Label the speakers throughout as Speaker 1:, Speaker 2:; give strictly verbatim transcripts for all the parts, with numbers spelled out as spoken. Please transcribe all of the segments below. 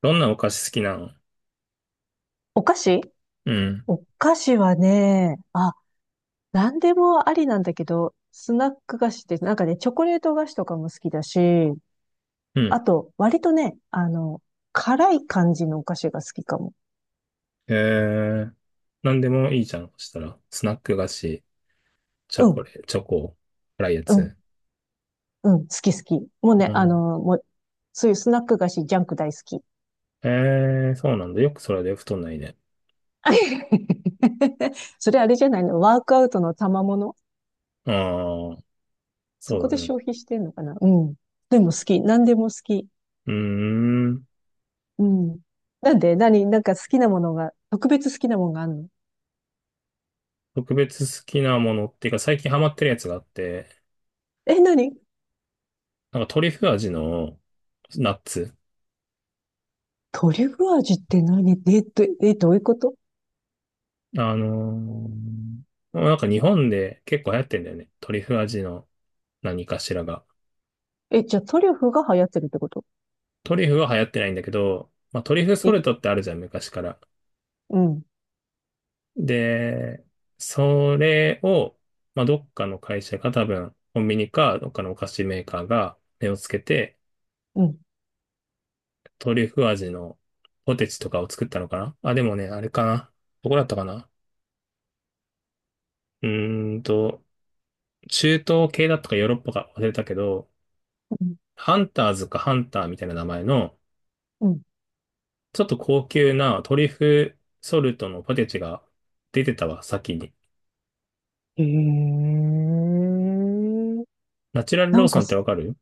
Speaker 1: どんなお菓子好きなの？
Speaker 2: お菓子。
Speaker 1: うん。
Speaker 2: お菓子はね、あ、なんでもありなんだけど、スナック菓子って、なんかね、チョコレート菓子とかも好きだし、
Speaker 1: う
Speaker 2: あ
Speaker 1: ん。
Speaker 2: と、割とね、あの、辛い感じのお菓子が好きかも。
Speaker 1: えー、なんでもいいじゃん。そしたら、スナック菓子、チョ
Speaker 2: う
Speaker 1: コ
Speaker 2: ん、
Speaker 1: レ、チョコ、辛いや
Speaker 2: うん、
Speaker 1: つ。
Speaker 2: うん、好き好き。もうね、
Speaker 1: う
Speaker 2: あ
Speaker 1: ん。
Speaker 2: の、もう、そういうスナック菓子、ジャンク大好き。
Speaker 1: えー、そうなんだ。よくそれで太んないね。
Speaker 2: それあれじゃないの？ワークアウトの賜物。
Speaker 1: ああ、
Speaker 2: そこ
Speaker 1: そう
Speaker 2: で
Speaker 1: だね。
Speaker 2: 消費してんのかな。うん。でも好き。何でも好き。
Speaker 1: うーん。
Speaker 2: うん。なんで何なんか好きなものが、特別好きなものがあるの？
Speaker 1: 特別好きなものっていうか、最近ハマってるやつがあって、
Speaker 2: え、何？
Speaker 1: なんかトリュフ味のナッツ。
Speaker 2: トリュフ味って何？えっと、どえ、どういうこと？
Speaker 1: あのーなんか日本で結構流行ってんだよね。トリュフ味の何かしらが。
Speaker 2: え、じゃあトリュフが流行ってるってこと？
Speaker 1: トリュフは流行ってないんだけど、まあ、トリュフソ
Speaker 2: え、
Speaker 1: ルトってあるじゃん、昔から。
Speaker 2: うん、
Speaker 1: で、それを、まあ、どっかの会社が多分、コンビニか、どっかのお菓子メーカーが目をつけて、
Speaker 2: うん、
Speaker 1: トリュフ味のポテチとかを作ったのかなあ、でもね、あれかな。どこだったかな？うーんと、中東系だったかヨーロッパか忘れたけど、
Speaker 2: うん、
Speaker 1: ハンターズかハンターみたいな名前の、
Speaker 2: うん。
Speaker 1: ちょっと高級なトリュフソルトのポテチが出てたわ、先に。
Speaker 2: へえ。
Speaker 1: ナチュラル
Speaker 2: な
Speaker 1: ロー
Speaker 2: ん
Speaker 1: ソ
Speaker 2: か
Speaker 1: ンって
Speaker 2: す、
Speaker 1: わかる？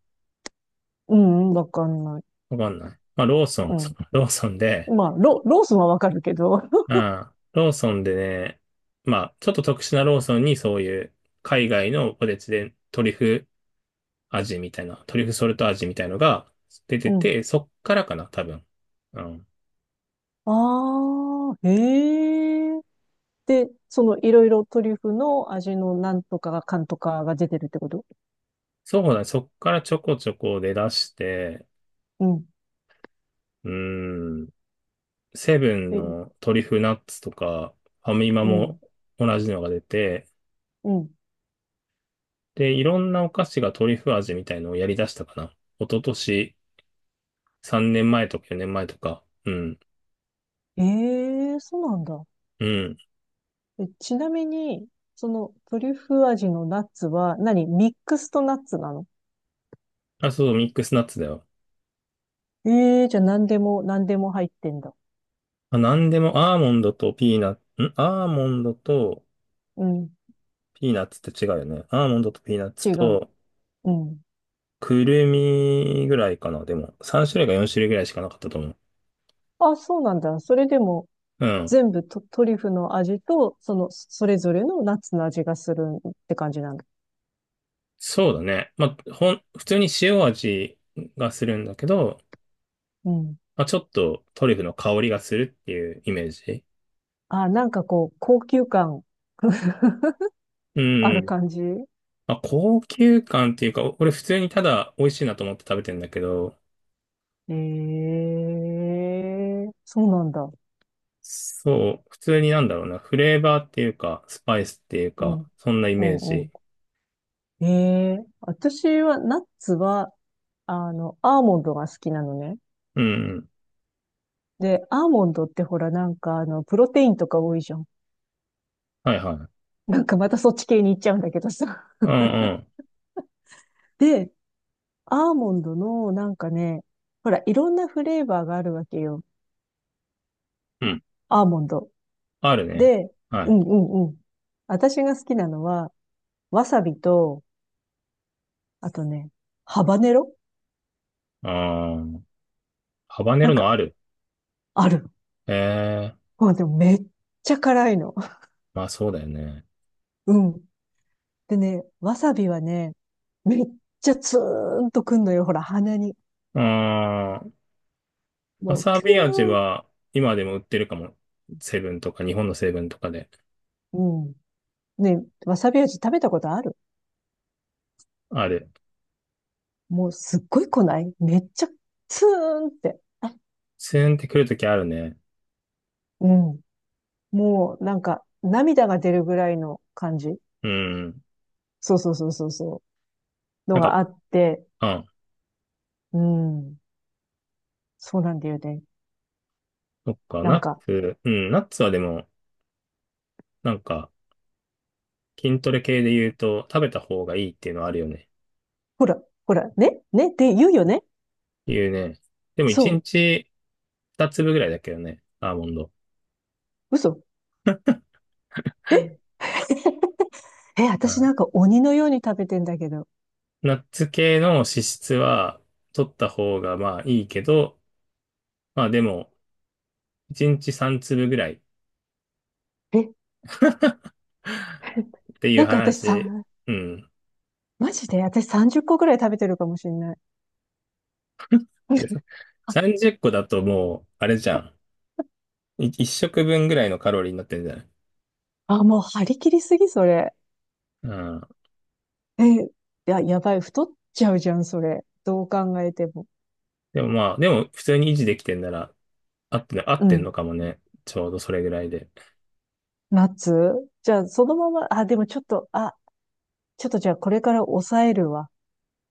Speaker 2: うん、うんわかんない。
Speaker 1: わかんない。まあ、ローソン、
Speaker 2: う
Speaker 1: そう
Speaker 2: ん。
Speaker 1: ローソンで、
Speaker 2: まあ、ロ、ロースはわかるけど。
Speaker 1: うん、ローソンでね、まあ、ちょっと特殊なローソンにそういう海外のポテチでトリュフ味みたいな、トリュフソルト味みたいのが出
Speaker 2: う
Speaker 1: て
Speaker 2: ん。
Speaker 1: て、そっからかな、多分。うん。
Speaker 2: ああ、へえ。で、そのいろいろトリュフの味のなんとかが、かんとかが出てるってこと？
Speaker 1: そうだね、そっからちょこちょこ出だして、
Speaker 2: うん。
Speaker 1: うーん、セブン
Speaker 2: え、
Speaker 1: のトリュフナッツとか、ファミマ
Speaker 2: う
Speaker 1: も
Speaker 2: ん、
Speaker 1: 同じのが出て、
Speaker 2: うん。
Speaker 1: で、いろんなお菓子がトリュフ味みたいのをやり出したかな。一昨年さんねんまえとかよねんまえとか。うん。
Speaker 2: ええ、そうなんだ。
Speaker 1: うん。
Speaker 2: え、ちなみに、そのトリュフ味のナッツは何、ミックスとナッツなの？
Speaker 1: あ、そう、ミックスナッツだよ。
Speaker 2: ええ、じゃあ何でも、何でも入ってんだ。
Speaker 1: あ、なんでも、アーモンドとピーナッツ、んアーモンドと
Speaker 2: うん、
Speaker 1: ピーナッツって違うよね。アーモンドとピーナッツ
Speaker 2: 違う。
Speaker 1: と、
Speaker 2: うん。
Speaker 1: くるみぐらいかな。でも、さんしゅるい種類かよんしゅるい種類ぐらいしかなかったと思う。
Speaker 2: あ、そうなんだ。それでも
Speaker 1: うん。
Speaker 2: 全部ト、トリュフの味と、その、それぞれのナッツの味がするって感じなんだ。
Speaker 1: そうだね。まあ、ほん、普通に塩味がするんだけど、
Speaker 2: うん。
Speaker 1: まあ、ちょっとトリュフの香りがするっていうイメージ。
Speaker 2: あ、なんかこう、高級感
Speaker 1: う
Speaker 2: ある
Speaker 1: ん。
Speaker 2: 感じ？
Speaker 1: まあ、高級感っていうか、お俺普通にただ美味しいなと思って食べてんだけど、
Speaker 2: ええ、そうなんだ。
Speaker 1: そう、普通になんだろうな、フレーバーっていうか、スパイスっていう
Speaker 2: うん。
Speaker 1: か、そんなイ
Speaker 2: う
Speaker 1: メー
Speaker 2: ん、う
Speaker 1: ジ。
Speaker 2: ん。ええ、私は、ナッツは、あの、アーモンドが好きなのね。
Speaker 1: うん、うん。
Speaker 2: で、アーモンドってほら、なんか、あの、プロテインとか多いじゃん。
Speaker 1: はいはい。
Speaker 2: なんかまたそっち系に行っちゃうんだけどさ。
Speaker 1: うんうん。
Speaker 2: で、アーモンドの、なんかね、ほら、いろんなフレーバーがあるわけよ。
Speaker 1: うん。
Speaker 2: アーモンド。
Speaker 1: あるね。
Speaker 2: で、
Speaker 1: は
Speaker 2: う
Speaker 1: い。
Speaker 2: んうんうん。私が好きなのは、わさびと、あとね、ハバネロ。
Speaker 1: あー、ハバネ
Speaker 2: な
Speaker 1: ロ
Speaker 2: んか、
Speaker 1: のある。
Speaker 2: ある。
Speaker 1: ええー、
Speaker 2: もうでもめっちゃ辛いの。
Speaker 1: まあそうだよね。
Speaker 2: うん。でね、わさびはね、めっちゃツーンとくんのよ、ほら、鼻に。
Speaker 1: あー、わ
Speaker 2: もう、
Speaker 1: さ
Speaker 2: キュ
Speaker 1: び味は今でも売ってるかも。セブンとか、日本のセブンとかで。
Speaker 2: ーン。うん。ね、わさび味食べたことある？
Speaker 1: ある。
Speaker 2: もう、すっごい来ない、めっちゃツーンって。
Speaker 1: ツーンってくるときあるね。
Speaker 2: うん。もう、なんか、涙が出るぐらいの感じ。
Speaker 1: うん。
Speaker 2: そうそうそうそうそう。の
Speaker 1: なん
Speaker 2: が
Speaker 1: か、
Speaker 2: あって、
Speaker 1: あ、
Speaker 2: うん。そうなんだよね。
Speaker 1: そっか、
Speaker 2: なん
Speaker 1: ナッ
Speaker 2: か、
Speaker 1: ツ、うん、ナッツはでも、なんか、筋トレ系で言うと、食べた方がいいっていうのはあるよね。
Speaker 2: ほら、ほら、ね、ねって言うよね。
Speaker 1: 言うね。でも1
Speaker 2: そ
Speaker 1: 日ふたつぶ粒ぐらいだけどね、アーモンド。
Speaker 2: う。嘘。え。 え、
Speaker 1: う
Speaker 2: 私
Speaker 1: ん。
Speaker 2: なんか鬼のように食べてんだけど。
Speaker 1: ナッツ系の脂質は取った方がまあいいけど、まあでもいちにちさんつぶ粒ぐらい
Speaker 2: え、
Speaker 1: っていう
Speaker 2: なんか私
Speaker 1: 話。
Speaker 2: さ、
Speaker 1: うん。
Speaker 2: マジで私さんじゅっこぐらい食べてるかもしれない。
Speaker 1: でさ
Speaker 2: あ、
Speaker 1: さんじゅっこだともう、あれじゃん。いいっしょくぶん食分ぐらいのカロリーになってるんじゃない？
Speaker 2: あ、もう張り切りすぎ、それ。
Speaker 1: うん。
Speaker 2: え、いや、やばい、太っちゃうじゃん、それ。どう考えても。
Speaker 1: でもまあ、でも普通に維持できてんなら、合って合
Speaker 2: う
Speaker 1: ってんの
Speaker 2: ん。
Speaker 1: かもね。ちょうどそれぐらいで。
Speaker 2: ナッツ。じゃあ、そのまま、あ、でもちょっと、あ、ちょっとじゃあこれから抑えるわ。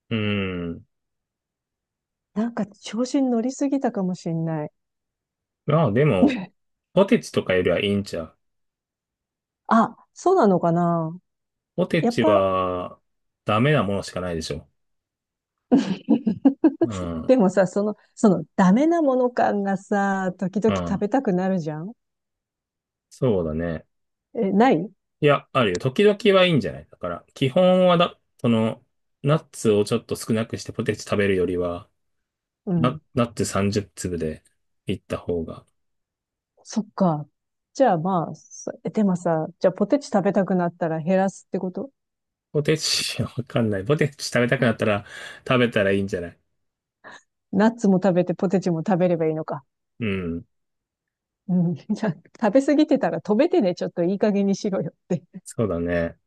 Speaker 1: うん。
Speaker 2: なんか調子に乗りすぎたかもしれない。
Speaker 1: まあでも、ポテチとかよりはいいんちゃう？
Speaker 2: あ、そうなのかな？
Speaker 1: ポテ
Speaker 2: やっ
Speaker 1: チ
Speaker 2: ぱ、
Speaker 1: はダメなものしかないでしょ。う ん。
Speaker 2: でもさ、その、その、ダメなもの感がさ、時
Speaker 1: う
Speaker 2: 々食
Speaker 1: ん。
Speaker 2: べたくなるじゃん？
Speaker 1: そうだね。
Speaker 2: え、ない？
Speaker 1: いや、あるよ。時々はいいんじゃないだから、基本はだ、その、ナッツをちょっと少なくしてポテチ食べるよりは、
Speaker 2: う
Speaker 1: ナ、
Speaker 2: ん。
Speaker 1: ナッツさんじゅっつぶ粒でいった方が。
Speaker 2: そっか。じゃあまあ、そえでもさ、じゃあポテチ食べたくなったら減らすってこと？
Speaker 1: ポテチ、わかんない。ポテチ食べたくなったら食べたらいいんじゃない？
Speaker 2: ナッツも食べてポテチも食べればいいのか。
Speaker 1: うん。
Speaker 2: うん。じゃあ、食べ過ぎてたら止めてね、ちょっといい加減にしろよって。
Speaker 1: そうだね。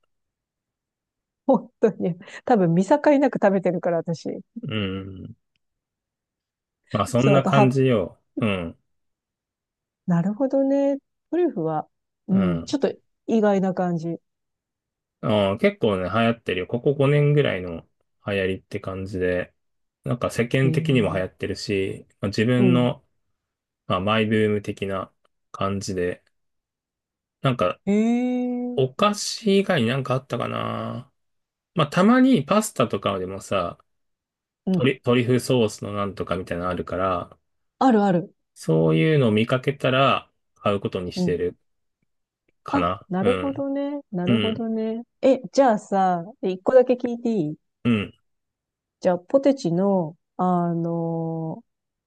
Speaker 2: 本当に。多分見境なく食べてるから、私。
Speaker 1: うん。まあそん
Speaker 2: そう、あ
Speaker 1: な
Speaker 2: と、
Speaker 1: 感
Speaker 2: は、
Speaker 1: じよ。うん。
Speaker 2: なるほどね。トリュフは、う
Speaker 1: う
Speaker 2: ん、
Speaker 1: ん。
Speaker 2: ちょっと意外な感じ。へ
Speaker 1: うん結構ね、流行ってるよ。ここごねんぐらいの流行りって感じで、なんか世間
Speaker 2: え。
Speaker 1: 的にも流行ってるし、まあ、自
Speaker 2: う
Speaker 1: 分
Speaker 2: ん。
Speaker 1: の、まあ、マイブーム的な感じで、なんか
Speaker 2: へえ。
Speaker 1: お菓子以外になんかあったかな。まあたまにパスタとかでもさ、
Speaker 2: う
Speaker 1: ト
Speaker 2: ん。
Speaker 1: リ、トリュフソースのなんとかみたいなのあるから、
Speaker 2: あるある。
Speaker 1: そういうのを見かけたら買うことに
Speaker 2: う
Speaker 1: して
Speaker 2: ん。
Speaker 1: るか
Speaker 2: あ、
Speaker 1: な。
Speaker 2: な
Speaker 1: う
Speaker 2: るほ
Speaker 1: ん。
Speaker 2: どね。な
Speaker 1: う
Speaker 2: るほ
Speaker 1: ん。
Speaker 2: どね。え、じゃあさ、一個だけ聞いていい？
Speaker 1: うん。
Speaker 2: じゃあ、ポテチの、あのー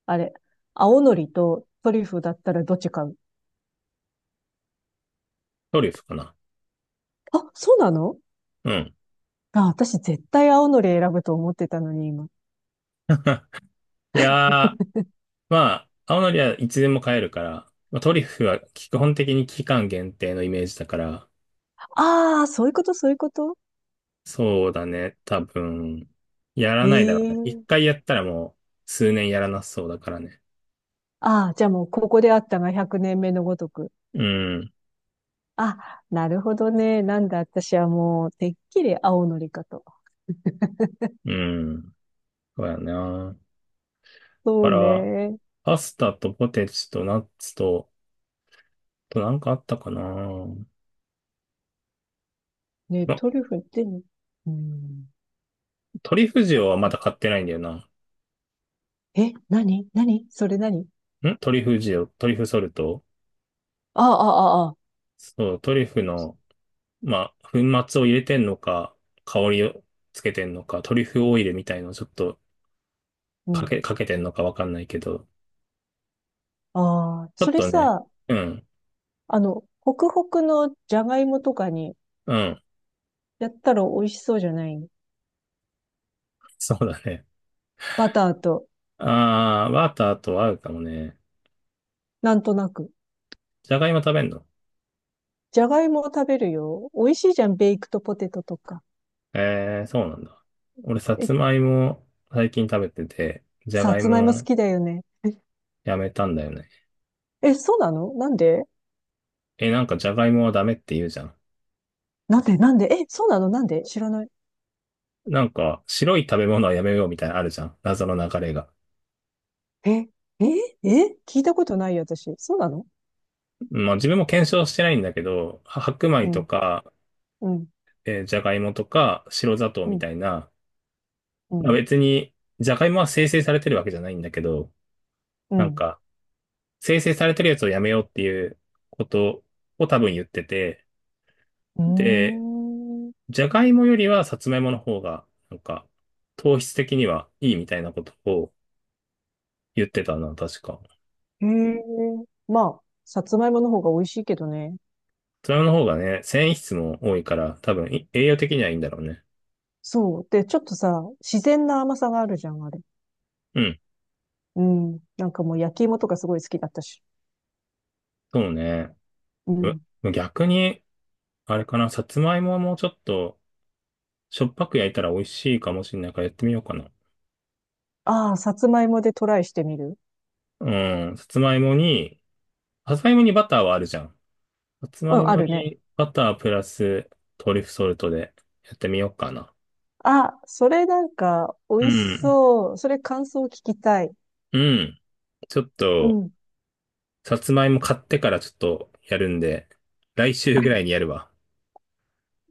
Speaker 2: あれ、青のりとトリュフだったらどっち買う？
Speaker 1: トリュフかな。
Speaker 2: あ、そうなの？
Speaker 1: うん。
Speaker 2: あ、私絶対青のり選ぶと思ってたのに、今。
Speaker 1: いやー、まあ、青のりはいつでも買えるから、まあ、トリュフは基本的に期間限定のイメージだから、
Speaker 2: ああ、そういうこと、そういうこと。
Speaker 1: そうだね、多分、やらないだろうね。一
Speaker 2: ええ。
Speaker 1: 回やったらもう数年やらなそうだからね。
Speaker 2: ああー、じゃあもうここであったがひゃくねんめのごとく。
Speaker 1: うん、
Speaker 2: あ、なるほどね。なんだ、私はもう、てっきり青のりかと。
Speaker 1: うん、そうやな。
Speaker 2: そ
Speaker 1: だ
Speaker 2: う
Speaker 1: から、
Speaker 2: ね。
Speaker 1: パスタとポテチとナッツと、あとなんかあったかな。
Speaker 2: ね、
Speaker 1: ま、
Speaker 2: トリュフってね、うん。
Speaker 1: トリュフ
Speaker 2: なん
Speaker 1: 塩はま
Speaker 2: か、
Speaker 1: だ買ってないんだよな。
Speaker 2: え、何？何それ？何？
Speaker 1: んトリュフ塩、トリュフソルト。
Speaker 2: ああ、ああ、ああ。
Speaker 1: そう、トリュフの、まあ、粉末を入れてんのか、香りをつけてんのか、トリュフオイルみたいのをちょっと
Speaker 2: う
Speaker 1: か
Speaker 2: ん。
Speaker 1: け、かけてんのかわかんないけど、
Speaker 2: ああ、
Speaker 1: ちょ
Speaker 2: そ
Speaker 1: っ
Speaker 2: れ
Speaker 1: とね、
Speaker 2: さ、
Speaker 1: うん、
Speaker 2: あの、ホクホクのじゃがいもとかに
Speaker 1: うん、
Speaker 2: やったら美味しそうじゃない？
Speaker 1: そうだね。
Speaker 2: バターと、
Speaker 1: あー、バターと合うかもね。
Speaker 2: なんとなく。
Speaker 1: じゃがいも食べんの？
Speaker 2: じゃがいもを食べるよ。美味しいじゃん、ベイクトポテトとか。
Speaker 1: えー、そうなんだ。俺、さ
Speaker 2: え、
Speaker 1: つまいも最近食べてて、じゃ
Speaker 2: さ
Speaker 1: がい
Speaker 2: つまいも好
Speaker 1: も
Speaker 2: きだよね。え、
Speaker 1: やめたんだよね。
Speaker 2: え、そうなの？なんで？
Speaker 1: え、なんかじゃがいもはダメって言うじゃん。
Speaker 2: なんで？なんで？え、そうなの？なんで知らない？
Speaker 1: なんか、白い食べ物はやめようみたいなのあるじゃん。謎の流れが。
Speaker 2: え、え、え、聞いたことないよ、私。そうなの？
Speaker 1: まあ自分も検証してないんだけど、は白米
Speaker 2: う
Speaker 1: と
Speaker 2: ん、
Speaker 1: か
Speaker 2: うん、
Speaker 1: えーじゃがいもとか白砂糖
Speaker 2: う
Speaker 1: み
Speaker 2: ん、
Speaker 1: たいな、
Speaker 2: う
Speaker 1: まあ、
Speaker 2: ん、
Speaker 1: 別に、じゃがいもは生成されてるわけじゃないんだけど、
Speaker 2: う
Speaker 1: なん
Speaker 2: ん。
Speaker 1: か、生成されてるやつをやめようっていうことを多分言ってて、
Speaker 2: う
Speaker 1: で、
Speaker 2: ーん。
Speaker 1: じゃがいもよりはさつまいもの方が、なんか、糖質的にはいいみたいなことを言ってたな、確か。さ
Speaker 2: へえ。まあ、さつまいもの方が美味しいけどね。
Speaker 1: つまいもの方がね、繊維質も多いから、多分い栄養的にはいいんだろうね。
Speaker 2: そう。で、ちょっとさ、自然な甘さがあるじゃん、あれ。
Speaker 1: うん、
Speaker 2: うん。なんかもう焼き芋とかすごい好きだったし。
Speaker 1: そうね。
Speaker 2: うん。
Speaker 1: う逆に、あれかな、さつまいもはもうちょっと、しょっぱく焼いたら美味しいかもしれないからやってみようかな。
Speaker 2: ああ、さつまいもでトライしてみる？
Speaker 1: うん。さつまいもに、さつまいもにバターはあるじゃん。さつ
Speaker 2: う
Speaker 1: まい
Speaker 2: ん、あ
Speaker 1: も
Speaker 2: るね。
Speaker 1: にバタープラストリュフソルトでやってみようかな。
Speaker 2: あ、それなんか
Speaker 1: う
Speaker 2: 美味し
Speaker 1: ん。
Speaker 2: そう。それ感想聞きたい。
Speaker 1: うん。ちょっ
Speaker 2: う
Speaker 1: と、
Speaker 2: ん。
Speaker 1: さつまいも買ってからちょっとやるんで、来週ぐらいにやるわ。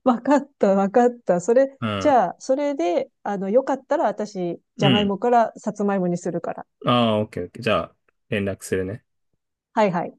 Speaker 2: わかった、わかった。それ、
Speaker 1: う
Speaker 2: じ
Speaker 1: ん。
Speaker 2: ゃあ、それで、あの、よかったら私、じ
Speaker 1: う
Speaker 2: ゃがい
Speaker 1: ん。
Speaker 2: もからさつまいもにするから。
Speaker 1: ああ、オッケーオッケー。じゃあ、連絡するね。
Speaker 2: はいはい。